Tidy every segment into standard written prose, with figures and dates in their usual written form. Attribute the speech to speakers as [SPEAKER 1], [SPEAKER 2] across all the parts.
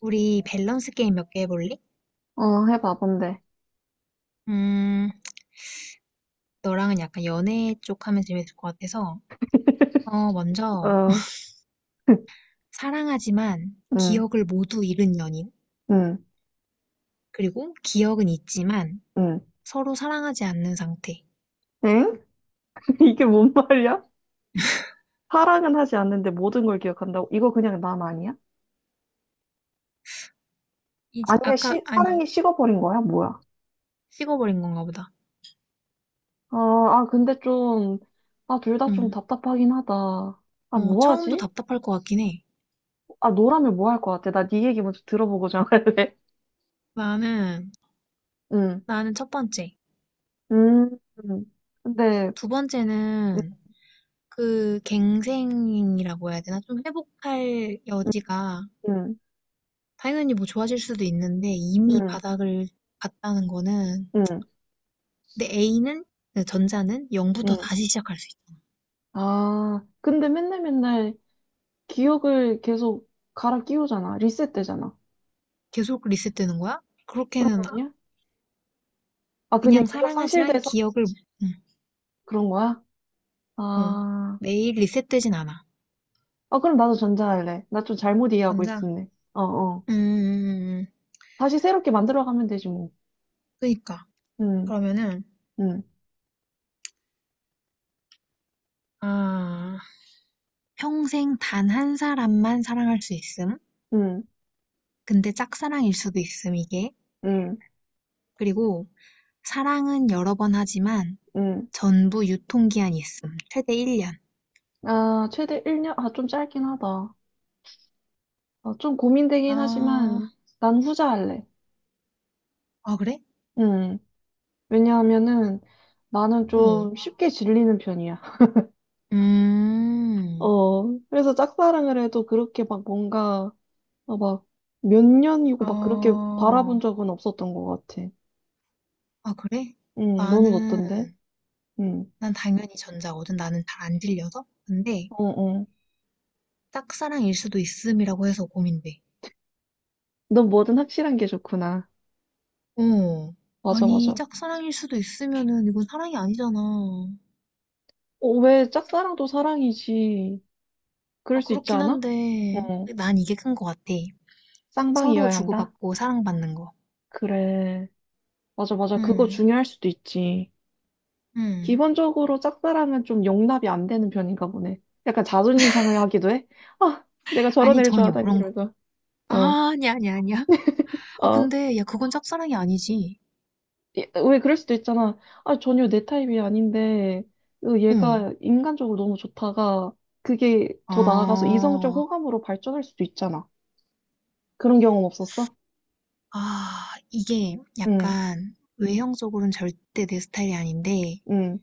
[SPEAKER 1] 우리 밸런스 게임 몇 개 해볼래?
[SPEAKER 2] 어, 해봐, 뭔데?
[SPEAKER 1] 음, 너랑은 약간 연애 쪽 하면 재밌을 것 같아서, 먼저,
[SPEAKER 2] 어,
[SPEAKER 1] 사랑하지만
[SPEAKER 2] 응,
[SPEAKER 1] 기억을 모두 잃은 연인.
[SPEAKER 2] 응,
[SPEAKER 1] 그리고 기억은 있지만
[SPEAKER 2] 응.
[SPEAKER 1] 서로 사랑하지 않는 상태.
[SPEAKER 2] 엥? 이게 뭔 말이야? 사랑은 하지 않는데 모든 걸 기억한다고? 이거 그냥 남 아니야?
[SPEAKER 1] 이,
[SPEAKER 2] 아니면
[SPEAKER 1] 아까, 아니,
[SPEAKER 2] 사랑이 식어버린 거야? 뭐야?
[SPEAKER 1] 식어버린 건가 보다.
[SPEAKER 2] 아, 아, 근데 좀, 아, 둘 다 좀
[SPEAKER 1] 음,
[SPEAKER 2] 답답하긴 하다. 아, 뭐
[SPEAKER 1] 처음도
[SPEAKER 2] 하지?
[SPEAKER 1] 답답할 것 같긴 해.
[SPEAKER 2] 아, 너라면 뭐 할 것 같아? 나 네 얘기 먼저 들어보고 정할래.
[SPEAKER 1] 나는,
[SPEAKER 2] 응,
[SPEAKER 1] 나는 첫 번째.
[SPEAKER 2] 음, 음. 근데,
[SPEAKER 1] 두
[SPEAKER 2] 응,
[SPEAKER 1] 번째는 그 갱생이라고 해야 되나? 좀 회복할 여지가
[SPEAKER 2] 응,
[SPEAKER 1] 당연히 뭐 좋아질 수도 있는데 이미
[SPEAKER 2] 응,
[SPEAKER 1] 바닥을 봤다는 거는
[SPEAKER 2] 응,
[SPEAKER 1] 내 A는 그 전자는 0부터
[SPEAKER 2] 응.
[SPEAKER 1] 다시 시작할 수 있잖아.
[SPEAKER 2] 아, 근데 맨날 맨날 기억을 계속 갈아 끼우잖아. 리셋되잖아.
[SPEAKER 1] 계속 리셋되는 거야?
[SPEAKER 2] 그런
[SPEAKER 1] 그렇게는
[SPEAKER 2] 거
[SPEAKER 1] 아-
[SPEAKER 2] 아니야? 아, 그냥
[SPEAKER 1] 그냥
[SPEAKER 2] 기억
[SPEAKER 1] 사랑하지만
[SPEAKER 2] 상실돼서
[SPEAKER 1] 기억을. 응.
[SPEAKER 2] 그런 거야?
[SPEAKER 1] 어,
[SPEAKER 2] 아,
[SPEAKER 1] 매일 리셋되진 않아.
[SPEAKER 2] 아, 그럼 나도 전자할래. 나 좀 잘못 이해하고
[SPEAKER 1] 전자?
[SPEAKER 2] 있었네. 어, 어.
[SPEAKER 1] 음,
[SPEAKER 2] 다시 새롭게 만들어가면 되지, 뭐.
[SPEAKER 1] 그러 그니까.
[SPEAKER 2] 응,
[SPEAKER 1] 그러면은
[SPEAKER 2] 응,
[SPEAKER 1] 아, 평생 단 한 사람만 사랑할 수 있음.
[SPEAKER 2] 응,
[SPEAKER 1] 근데 짝사랑일 수도 있음, 이게.
[SPEAKER 2] 응,
[SPEAKER 1] 그리고 사랑은 여러 번 하지만
[SPEAKER 2] 응.
[SPEAKER 1] 전부 유통기한이 있음. 최대 1년.
[SPEAKER 2] 아, 최대 1년? 아, 좀 짧긴 하다. 아, 좀 고민되긴 하지만,
[SPEAKER 1] 아.
[SPEAKER 2] 난 후자할래.
[SPEAKER 1] 아 그래?
[SPEAKER 2] 응. 왜냐하면은, 나는
[SPEAKER 1] 어.
[SPEAKER 2] 좀 쉽게 질리는 편이야.
[SPEAKER 1] 음.
[SPEAKER 2] 어, 그래서 짝사랑을 해도 그렇게 막 뭔가 아, 막, 몇 년이고 막 그렇게
[SPEAKER 1] 아.
[SPEAKER 2] 바라본 적은 없었던 것 같아.
[SPEAKER 1] 아 그래?
[SPEAKER 2] 응, 너는
[SPEAKER 1] 나는
[SPEAKER 2] 어떤데? 응,
[SPEAKER 1] 난 당연히 전자거든. 나는 잘 안 들려서. 근데
[SPEAKER 2] 어, 어.
[SPEAKER 1] 짝사랑일 수도 있음이라고 해서 고민돼.
[SPEAKER 2] 넌 뭐든 확실한 게 좋구나.
[SPEAKER 1] 어.
[SPEAKER 2] 맞아,
[SPEAKER 1] 아니
[SPEAKER 2] 맞아.
[SPEAKER 1] 짝사랑일 수도 있으면은 이건 사랑이 아니잖아.
[SPEAKER 2] 어, 왜 짝사랑도 사랑이지?
[SPEAKER 1] 아
[SPEAKER 2] 그럴 수 있지
[SPEAKER 1] 그렇긴
[SPEAKER 2] 않아?
[SPEAKER 1] 한데
[SPEAKER 2] 어,
[SPEAKER 1] 난 이게 큰 것 같아. 서로
[SPEAKER 2] 쌍방이어야 한다?
[SPEAKER 1] 주고받고 사랑받는 거.
[SPEAKER 2] 그래. 맞아, 맞아. 그거
[SPEAKER 1] 응.
[SPEAKER 2] 중요할 수도 있지.
[SPEAKER 1] 응.
[SPEAKER 2] 기본적으로 짝사랑은 좀 용납이 안 되는 편인가 보네. 약간 자존심 상하게 하기도 해? 아, 내가 저런
[SPEAKER 1] 아니
[SPEAKER 2] 애를
[SPEAKER 1] 전혀
[SPEAKER 2] 좋아하다니,
[SPEAKER 1] 그런 거.
[SPEAKER 2] 이러면서. 어,
[SPEAKER 1] 아, 아니야 아니야 아니야. 아
[SPEAKER 2] 어.
[SPEAKER 1] 근데 야 그건 짝사랑이 아니지.
[SPEAKER 2] 예, 왜 그럴 수도 있잖아. 아, 전혀 내 타입이 아닌데, 으,
[SPEAKER 1] 어.
[SPEAKER 2] 얘가 인간적으로 너무 좋다가, 그게 더 나아가서 이성적
[SPEAKER 1] 어.
[SPEAKER 2] 호감으로 발전할 수도 있잖아. 그런 경험 없었어?
[SPEAKER 1] 아 이게
[SPEAKER 2] 응,
[SPEAKER 1] 약간 외형적으로는 절대 내 스타일이 아닌데
[SPEAKER 2] 응,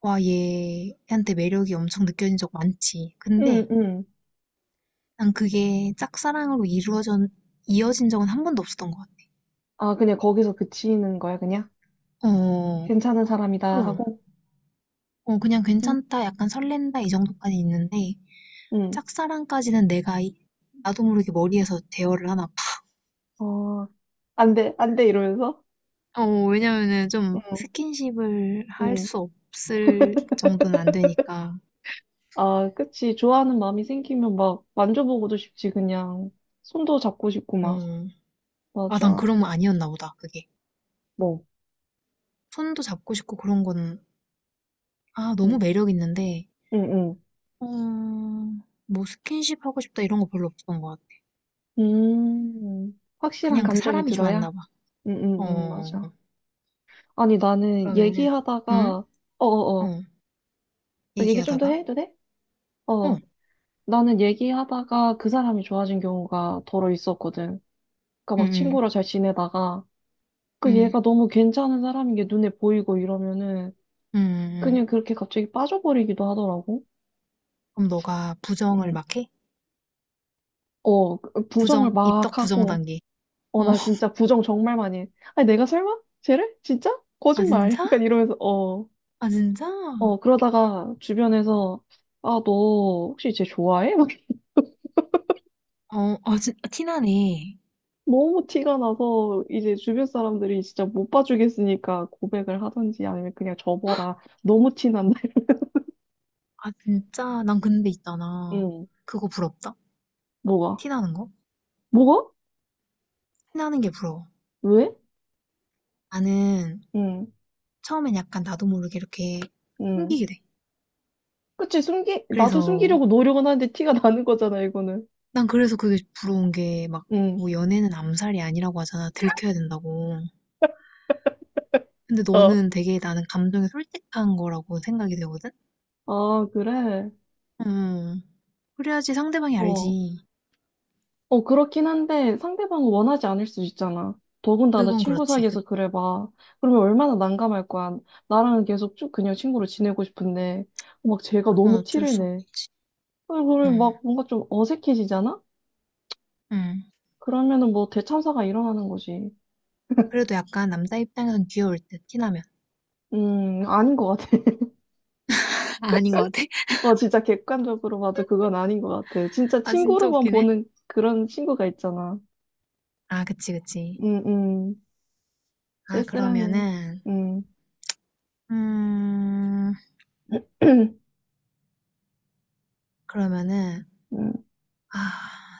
[SPEAKER 1] 와 얘한테 매력이 엄청 느껴진 적 많지.
[SPEAKER 2] 응,
[SPEAKER 1] 근데
[SPEAKER 2] 응.
[SPEAKER 1] 난 그게 짝사랑으로 이루어져 이어진 적은 한 번도 없었던 것 같아.
[SPEAKER 2] 아, 그냥 거기서 그치는 거야, 그냥?
[SPEAKER 1] 어,
[SPEAKER 2] 괜찮은 사람이다
[SPEAKER 1] 어,
[SPEAKER 2] 하고?
[SPEAKER 1] 그냥
[SPEAKER 2] 응,
[SPEAKER 1] 괜찮다, 약간 설렌다 이 정도까지 있는데
[SPEAKER 2] 응.
[SPEAKER 1] 짝사랑까지는 나도 모르게 머리에서 대화를 하나 봐.
[SPEAKER 2] 어, 안 돼, 안 돼, 이러면서?
[SPEAKER 1] 어, 왜냐면은 좀
[SPEAKER 2] 응,
[SPEAKER 1] 스킨십을 할
[SPEAKER 2] 응.
[SPEAKER 1] 수 없을 정도는 안 되니까.
[SPEAKER 2] 아, 그치. 좋아하는 마음이 생기면 막 만져보고도 싶지, 그냥. 손도 잡고 싶고, 막.
[SPEAKER 1] 어. 아, 난
[SPEAKER 2] 맞아.
[SPEAKER 1] 그런 거 아니었나 보다, 그게.
[SPEAKER 2] 뭐.
[SPEAKER 1] 손도 잡고 싶고 그런 거는, 너무
[SPEAKER 2] 응,
[SPEAKER 1] 매력 있는데,
[SPEAKER 2] 응, 응.
[SPEAKER 1] 어, 뭐 스킨십 하고 싶다 이런 거 별로 없었던 것 같아.
[SPEAKER 2] 음, 확실한
[SPEAKER 1] 그냥 그
[SPEAKER 2] 감정이
[SPEAKER 1] 사람이
[SPEAKER 2] 들어야?
[SPEAKER 1] 좋았나 봐. 어,
[SPEAKER 2] 맞아. 아니, 나는
[SPEAKER 1] 그러면은 응?
[SPEAKER 2] 얘기하다가, 어어어,
[SPEAKER 1] 어,
[SPEAKER 2] 나 얘기 좀 더
[SPEAKER 1] 얘기하다가,
[SPEAKER 2] 해도 돼? 어,
[SPEAKER 1] 어,
[SPEAKER 2] 나는 얘기하다가 그 사람이 좋아진 경우가 더러 있었거든. 그니까
[SPEAKER 1] 응,
[SPEAKER 2] 막
[SPEAKER 1] 응,
[SPEAKER 2] 친구랑 잘 지내다가, 그
[SPEAKER 1] 응,
[SPEAKER 2] 얘가 너무 괜찮은 사람인 게 눈에 보이고 이러면은,
[SPEAKER 1] 응,
[SPEAKER 2] 그냥
[SPEAKER 1] 응.
[SPEAKER 2] 그렇게 갑자기 빠져버리기도 하더라고.
[SPEAKER 1] 그럼 너가 부정을
[SPEAKER 2] 음,
[SPEAKER 1] 막 해?
[SPEAKER 2] 어, 그 부정을
[SPEAKER 1] 부정, 입덕
[SPEAKER 2] 막
[SPEAKER 1] 부정
[SPEAKER 2] 하고,
[SPEAKER 1] 단계.
[SPEAKER 2] 어,
[SPEAKER 1] 어,
[SPEAKER 2] 나 진짜 부정 정말 많이 해. 아니, 내가 설마? 쟤를? 진짜?
[SPEAKER 1] 아,
[SPEAKER 2] 거짓말.
[SPEAKER 1] 진짜?
[SPEAKER 2] 약간 이러면서, 어.
[SPEAKER 1] 아, 진짜?
[SPEAKER 2] 어, 그러다가 주변에서, 아, 너 혹시 쟤 좋아해? 막
[SPEAKER 1] 어, 아, 티나네.
[SPEAKER 2] 너무 티가 나서 이제 주변 사람들이 진짜 못 봐주겠으니까 고백을 하든지 아니면 그냥 접어라. 너무 티난다.
[SPEAKER 1] 아, 진짜? 난 근데 있잖아.
[SPEAKER 2] 응,
[SPEAKER 1] 그거 부럽다?
[SPEAKER 2] 뭐가?
[SPEAKER 1] 티나는 거?
[SPEAKER 2] 뭐가?
[SPEAKER 1] 티나는 게 부러워.
[SPEAKER 2] 왜?
[SPEAKER 1] 나는
[SPEAKER 2] 응,
[SPEAKER 1] 처음엔 약간 나도 모르게 이렇게
[SPEAKER 2] 응.
[SPEAKER 1] 숨기게 돼.
[SPEAKER 2] 그치, 숨기, 나도
[SPEAKER 1] 그래서,
[SPEAKER 2] 숨기려고 노력은 하는데 티가 나는 거잖아, 이거는.
[SPEAKER 1] 난 그래서 그게 부러운 게 막,
[SPEAKER 2] 응,
[SPEAKER 1] 뭐 연애는 암살이 아니라고 하잖아. 들켜야 된다고. 근데
[SPEAKER 2] 어.
[SPEAKER 1] 너는 되게 나는 감정이 솔직한 거라고 생각이 되거든?
[SPEAKER 2] 아, 그래?
[SPEAKER 1] 음. 그래야지 상대방이
[SPEAKER 2] 어,
[SPEAKER 1] 알지.
[SPEAKER 2] 어, 그렇긴 한데 상대방은 원하지 않을 수 있잖아. 더군다나
[SPEAKER 1] 그건
[SPEAKER 2] 친구
[SPEAKER 1] 그렇지.
[SPEAKER 2] 사이에서 그래 봐. 그러면 얼마나 난감할 거야. 나랑은 계속 쭉 그냥 친구로 지내고 싶은데 막 쟤가
[SPEAKER 1] 그건
[SPEAKER 2] 너무
[SPEAKER 1] 어쩔
[SPEAKER 2] 티를
[SPEAKER 1] 수
[SPEAKER 2] 내.
[SPEAKER 1] 없지.
[SPEAKER 2] 그걸
[SPEAKER 1] 음.
[SPEAKER 2] 막 뭔가 좀 어색해지잖아?
[SPEAKER 1] 음.
[SPEAKER 2] 그러면은 뭐 대참사가 일어나는 거지.
[SPEAKER 1] 그래도 약간 남자 입장에선 귀여울 듯, 티나면.
[SPEAKER 2] 아닌 것 같아.
[SPEAKER 1] 아, 아닌 것 같아?
[SPEAKER 2] 어, 진짜 객관적으로 봐도 그건 아닌 것 같아. 진짜
[SPEAKER 1] 아, 진짜
[SPEAKER 2] 친구로만
[SPEAKER 1] 웃기네.
[SPEAKER 2] 보는 그런 친구가 있잖아.
[SPEAKER 1] 아, 그치, 그치.
[SPEAKER 2] 음, 음.
[SPEAKER 1] 아,
[SPEAKER 2] 쓸쓸하네.
[SPEAKER 1] 그러면은,
[SPEAKER 2] 음,
[SPEAKER 1] 음, 그러면은,
[SPEAKER 2] 음,
[SPEAKER 1] 아,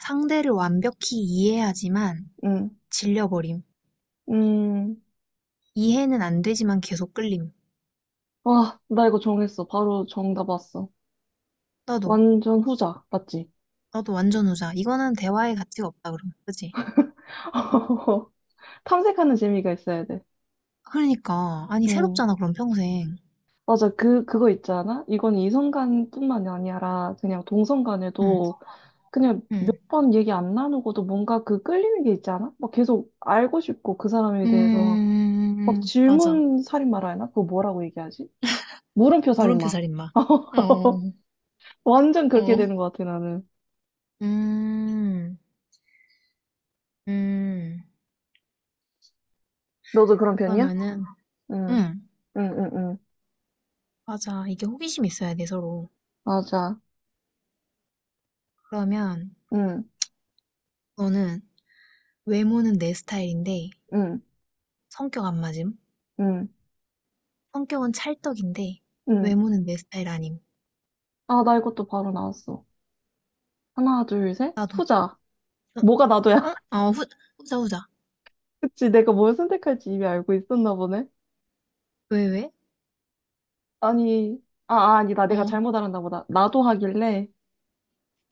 [SPEAKER 1] 상대를 완벽히 이해하지만
[SPEAKER 2] 음,
[SPEAKER 1] 질려버림.
[SPEAKER 2] 음.
[SPEAKER 1] 이해는 안 되지만 계속 끌림.
[SPEAKER 2] 와, 나 이거 정했어. 바로 정답 왔어.
[SPEAKER 1] 나도,
[SPEAKER 2] 완전 후자, 맞지?
[SPEAKER 1] 나도 완전 후자. 이거는 대화의 가치가 없다, 그럼. 그치?
[SPEAKER 2] 탐색하는 재미가 있어야 돼.
[SPEAKER 1] 그러니까. 아니,
[SPEAKER 2] 응.
[SPEAKER 1] 새롭잖아, 그럼 평생.
[SPEAKER 2] 맞아, 그, 그거 있잖아? 이건 이성간뿐만이 아니라 그냥
[SPEAKER 1] 응,
[SPEAKER 2] 동성간에도 그냥 몇
[SPEAKER 1] 응.
[SPEAKER 2] 번 얘기 안 나누고도 뭔가 그 끌리는 게 있잖아? 막 계속 알고 싶고 그 사람에 대해서 막
[SPEAKER 1] 맞아.
[SPEAKER 2] 질문 살인마라 해나? 그거 뭐라고 얘기하지? 물음표
[SPEAKER 1] 물음표
[SPEAKER 2] 살인마.
[SPEAKER 1] 살인마. 어, 어.
[SPEAKER 2] 완전
[SPEAKER 1] 어.
[SPEAKER 2] 그렇게
[SPEAKER 1] 어.
[SPEAKER 2] 되는 것 같아, 나는.
[SPEAKER 1] 음, 음.
[SPEAKER 2] 너도 그런 편이야?
[SPEAKER 1] 그러면은,
[SPEAKER 2] 응,
[SPEAKER 1] 응,
[SPEAKER 2] 응, 응, 응.
[SPEAKER 1] 맞아. 이게 호기심이 있어야 돼, 서로.
[SPEAKER 2] 맞아.
[SPEAKER 1] 그러면,
[SPEAKER 2] 응.
[SPEAKER 1] 너는 외모는 내 스타일인데
[SPEAKER 2] 응,
[SPEAKER 1] 성격 안 맞음?
[SPEAKER 2] 응,
[SPEAKER 1] 성격은 찰떡인데
[SPEAKER 2] 응.
[SPEAKER 1] 외모는 내 스타일 아님.
[SPEAKER 2] 아, 나 이것도 바로 나왔어. 하나, 둘, 셋.
[SPEAKER 1] 나도.
[SPEAKER 2] 후자.
[SPEAKER 1] 어?
[SPEAKER 2] 뭐가 나도야.
[SPEAKER 1] 어? 어, 후자, 후자.
[SPEAKER 2] 그치, 내가 뭘 선택할지 이미 알고 있었나 보네.
[SPEAKER 1] 왜, 왜?
[SPEAKER 2] 아니, 아, 아, 아니다. 내가
[SPEAKER 1] 어.
[SPEAKER 2] 잘못 알았나 보다. 나도 하길래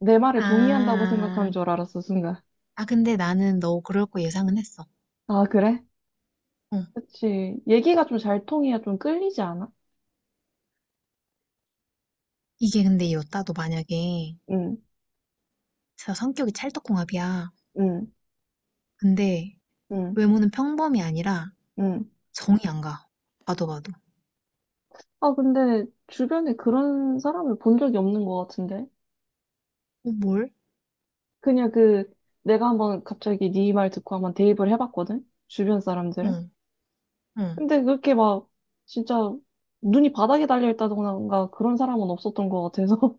[SPEAKER 2] 내 말에 동의한다고
[SPEAKER 1] 아,
[SPEAKER 2] 생각한 줄 알았어, 순간.
[SPEAKER 1] 근데 나는 너 그럴 거 예상은 했어.
[SPEAKER 2] 아, 그래?
[SPEAKER 1] 어.
[SPEAKER 2] 그치. 얘기가 좀 잘 통해야 좀 끌리지 않아?
[SPEAKER 1] 이게 근데 이 여따도 만약에
[SPEAKER 2] 응,
[SPEAKER 1] 진짜 성격이 찰떡궁합이야.
[SPEAKER 2] 응,
[SPEAKER 1] 근데
[SPEAKER 2] 응,
[SPEAKER 1] 외모는 평범이 아니라
[SPEAKER 2] 응.
[SPEAKER 1] 정이 안 가. 봐도 봐도.
[SPEAKER 2] 아, 근데 주변에 그런 사람을 본 적이 없는 것 같은데?
[SPEAKER 1] 어, 뭘?
[SPEAKER 2] 그냥 그, 내가 한번 갑자기 네 말 듣고 한번 대입을 해봤거든? 주변 사람들은?
[SPEAKER 1] 응, 응.
[SPEAKER 2] 근데 그렇게 막 진짜 눈이 바닥에 달려 있다던가 그런 사람은 없었던 것 같아서.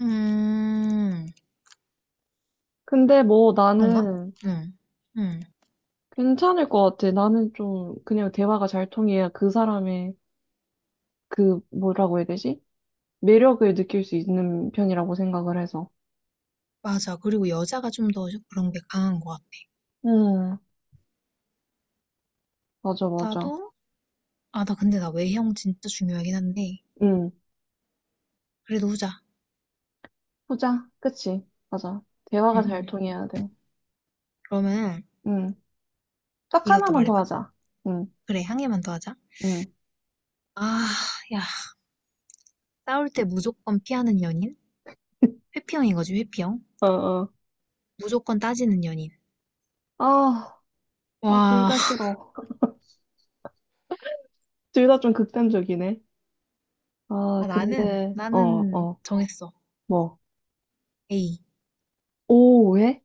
[SPEAKER 1] 음,
[SPEAKER 2] 근데 뭐
[SPEAKER 1] 그런가?
[SPEAKER 2] 나는
[SPEAKER 1] 응, 응.
[SPEAKER 2] 괜찮을 것 같아. 나는 좀 그냥 대화가 잘 통해야 그 사람의 그 뭐라고 해야 되지? 매력을 느낄 수 있는 편이라고 생각을 해서.
[SPEAKER 1] 맞아. 그리고 여자가 좀 더 그런 게 강한 것 같아.
[SPEAKER 2] 음, 맞아, 맞아.
[SPEAKER 1] 나도 나 근데 나 외형 진짜 중요하긴 한데.
[SPEAKER 2] 음,
[SPEAKER 1] 그래도 후자.
[SPEAKER 2] 후자. 그치. 맞아.
[SPEAKER 1] 응,
[SPEAKER 2] 대화가 잘
[SPEAKER 1] 응.
[SPEAKER 2] 통해야 돼.
[SPEAKER 1] 그러면
[SPEAKER 2] 음, 딱
[SPEAKER 1] 이것도
[SPEAKER 2] 하나만 더
[SPEAKER 1] 말해봐.
[SPEAKER 2] 하자. 음,
[SPEAKER 1] 그래, 향해만 더 하자.
[SPEAKER 2] 음,
[SPEAKER 1] 아, 야. 싸울 때 무조건 피하는 연인? 회피형인 거지, 회피형.
[SPEAKER 2] 어, 어.
[SPEAKER 1] 무조건 따지는 연인.
[SPEAKER 2] 아, 아, 둘
[SPEAKER 1] 와,
[SPEAKER 2] 다 싫어. 둘 다 좀 극단적이네. 아,
[SPEAKER 1] 아, 나는,
[SPEAKER 2] 근데, 어,
[SPEAKER 1] 나는
[SPEAKER 2] 어,
[SPEAKER 1] 정했어.
[SPEAKER 2] 뭐,
[SPEAKER 1] A.
[SPEAKER 2] 오해?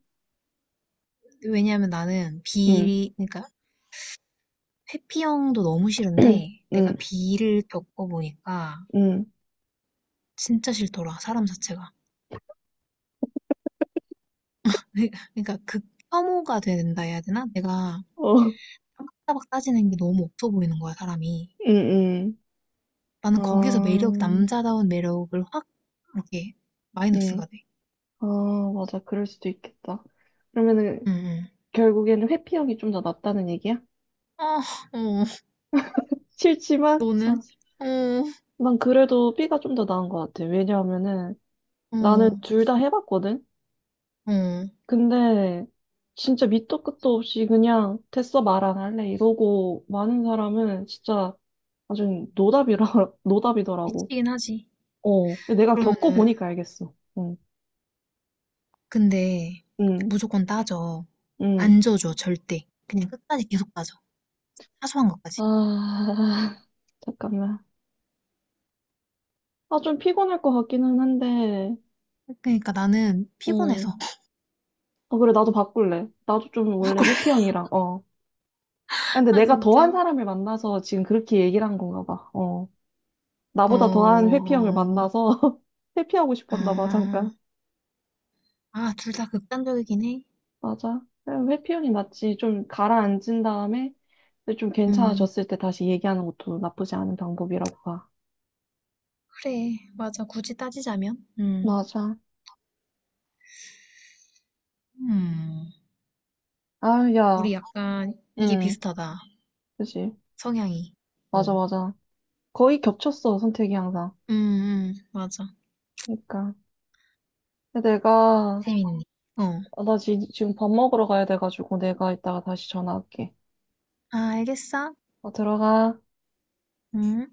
[SPEAKER 1] 왜냐면 나는
[SPEAKER 2] 응,
[SPEAKER 1] B, 그러니까 회피형도 너무 싫은데 내가
[SPEAKER 2] 응,
[SPEAKER 1] B를 겪어보니까
[SPEAKER 2] 응,
[SPEAKER 1] 진짜 싫더라, 사람 자체가. 그러니까 극 혐오가 된다 해야 되나? 내가
[SPEAKER 2] 어, 응,
[SPEAKER 1] 따박따박 따지는 게 너무 없어 보이는 거야, 사람이.
[SPEAKER 2] 응,
[SPEAKER 1] 나는
[SPEAKER 2] 아,
[SPEAKER 1] 거기서 매력, 남자다운 매력을 확, 이렇게,
[SPEAKER 2] 응,
[SPEAKER 1] 마이너스가 돼.
[SPEAKER 2] 아, 맞아, 그럴 수도 있겠다.
[SPEAKER 1] 응,
[SPEAKER 2] 그러면은,
[SPEAKER 1] 응.
[SPEAKER 2] 결국에는 회피형이 좀 더 낫다는 얘기야?
[SPEAKER 1] 아, 어,
[SPEAKER 2] 싫지만,
[SPEAKER 1] 너는?
[SPEAKER 2] 아,
[SPEAKER 1] 어,
[SPEAKER 2] 난 그래도 B가 좀 더 나은 것 같아. 왜냐하면은, 나는
[SPEAKER 1] 어,
[SPEAKER 2] 둘 다 해봤거든?
[SPEAKER 1] 어.
[SPEAKER 2] 근데, 진짜 밑도 끝도 없이 그냥, 됐어, 말 안 할래. 이러고, 많은 사람은 진짜, 아주 노답이라, 노답이더라고.
[SPEAKER 1] 미치긴 하지.
[SPEAKER 2] 어, 내가
[SPEAKER 1] 그러면은,
[SPEAKER 2] 겪어보니까 알겠어. 응,
[SPEAKER 1] 근데,
[SPEAKER 2] 응,
[SPEAKER 1] 무조건 따져.
[SPEAKER 2] 응.
[SPEAKER 1] 안 져줘, 절대. 그냥 끝까지 계속 따져. 사소한 것까지.
[SPEAKER 2] 아, 잠깐만. 아, 좀 피곤할 것 같기는 한데,
[SPEAKER 1] 그러니까 나는
[SPEAKER 2] 응.
[SPEAKER 1] 피곤해서.
[SPEAKER 2] 어, 그래, 나도 바꿀래. 나도 좀
[SPEAKER 1] 아,
[SPEAKER 2] 원래
[SPEAKER 1] 그래.
[SPEAKER 2] 회피형이라, 어. 아, 근데
[SPEAKER 1] 아,
[SPEAKER 2] 내가 더한
[SPEAKER 1] 진짜.
[SPEAKER 2] 사람을 만나서 지금 그렇게 얘기를 한 건가 봐. 어.
[SPEAKER 1] 어,
[SPEAKER 2] 나보다 더한 회피형을
[SPEAKER 1] 어.
[SPEAKER 2] 만나서 회피하고 싶었나 봐,
[SPEAKER 1] 아,
[SPEAKER 2] 잠깐.
[SPEAKER 1] 둘 다 극단적이긴 해.
[SPEAKER 2] 맞아. 그냥 회피형이 낫지. 좀 가라앉은 다음에 좀
[SPEAKER 1] 음.
[SPEAKER 2] 괜찮아졌을 때 다시 얘기하는 것도 나쁘지 않은 방법이라고 봐.
[SPEAKER 1] 그래, 맞아. 굳이 따지자면,
[SPEAKER 2] 맞아.
[SPEAKER 1] 음,
[SPEAKER 2] 아,
[SPEAKER 1] 우리
[SPEAKER 2] 야.
[SPEAKER 1] 약간 이게
[SPEAKER 2] 응,
[SPEAKER 1] 비슷하다.
[SPEAKER 2] 그지.
[SPEAKER 1] 성향이.
[SPEAKER 2] 맞아,
[SPEAKER 1] 어,
[SPEAKER 2] 맞아. 거의 겹쳤어, 선택이 항상.
[SPEAKER 1] 맞아.
[SPEAKER 2] 그러니까. 근데 내가,
[SPEAKER 1] 재밌네. 어,
[SPEAKER 2] 아, 나 지금 밥 먹으러 가야 돼가지고 내가 이따가 다시 전화할게.
[SPEAKER 1] 알겠어.
[SPEAKER 2] 어, 들어가.
[SPEAKER 1] 음.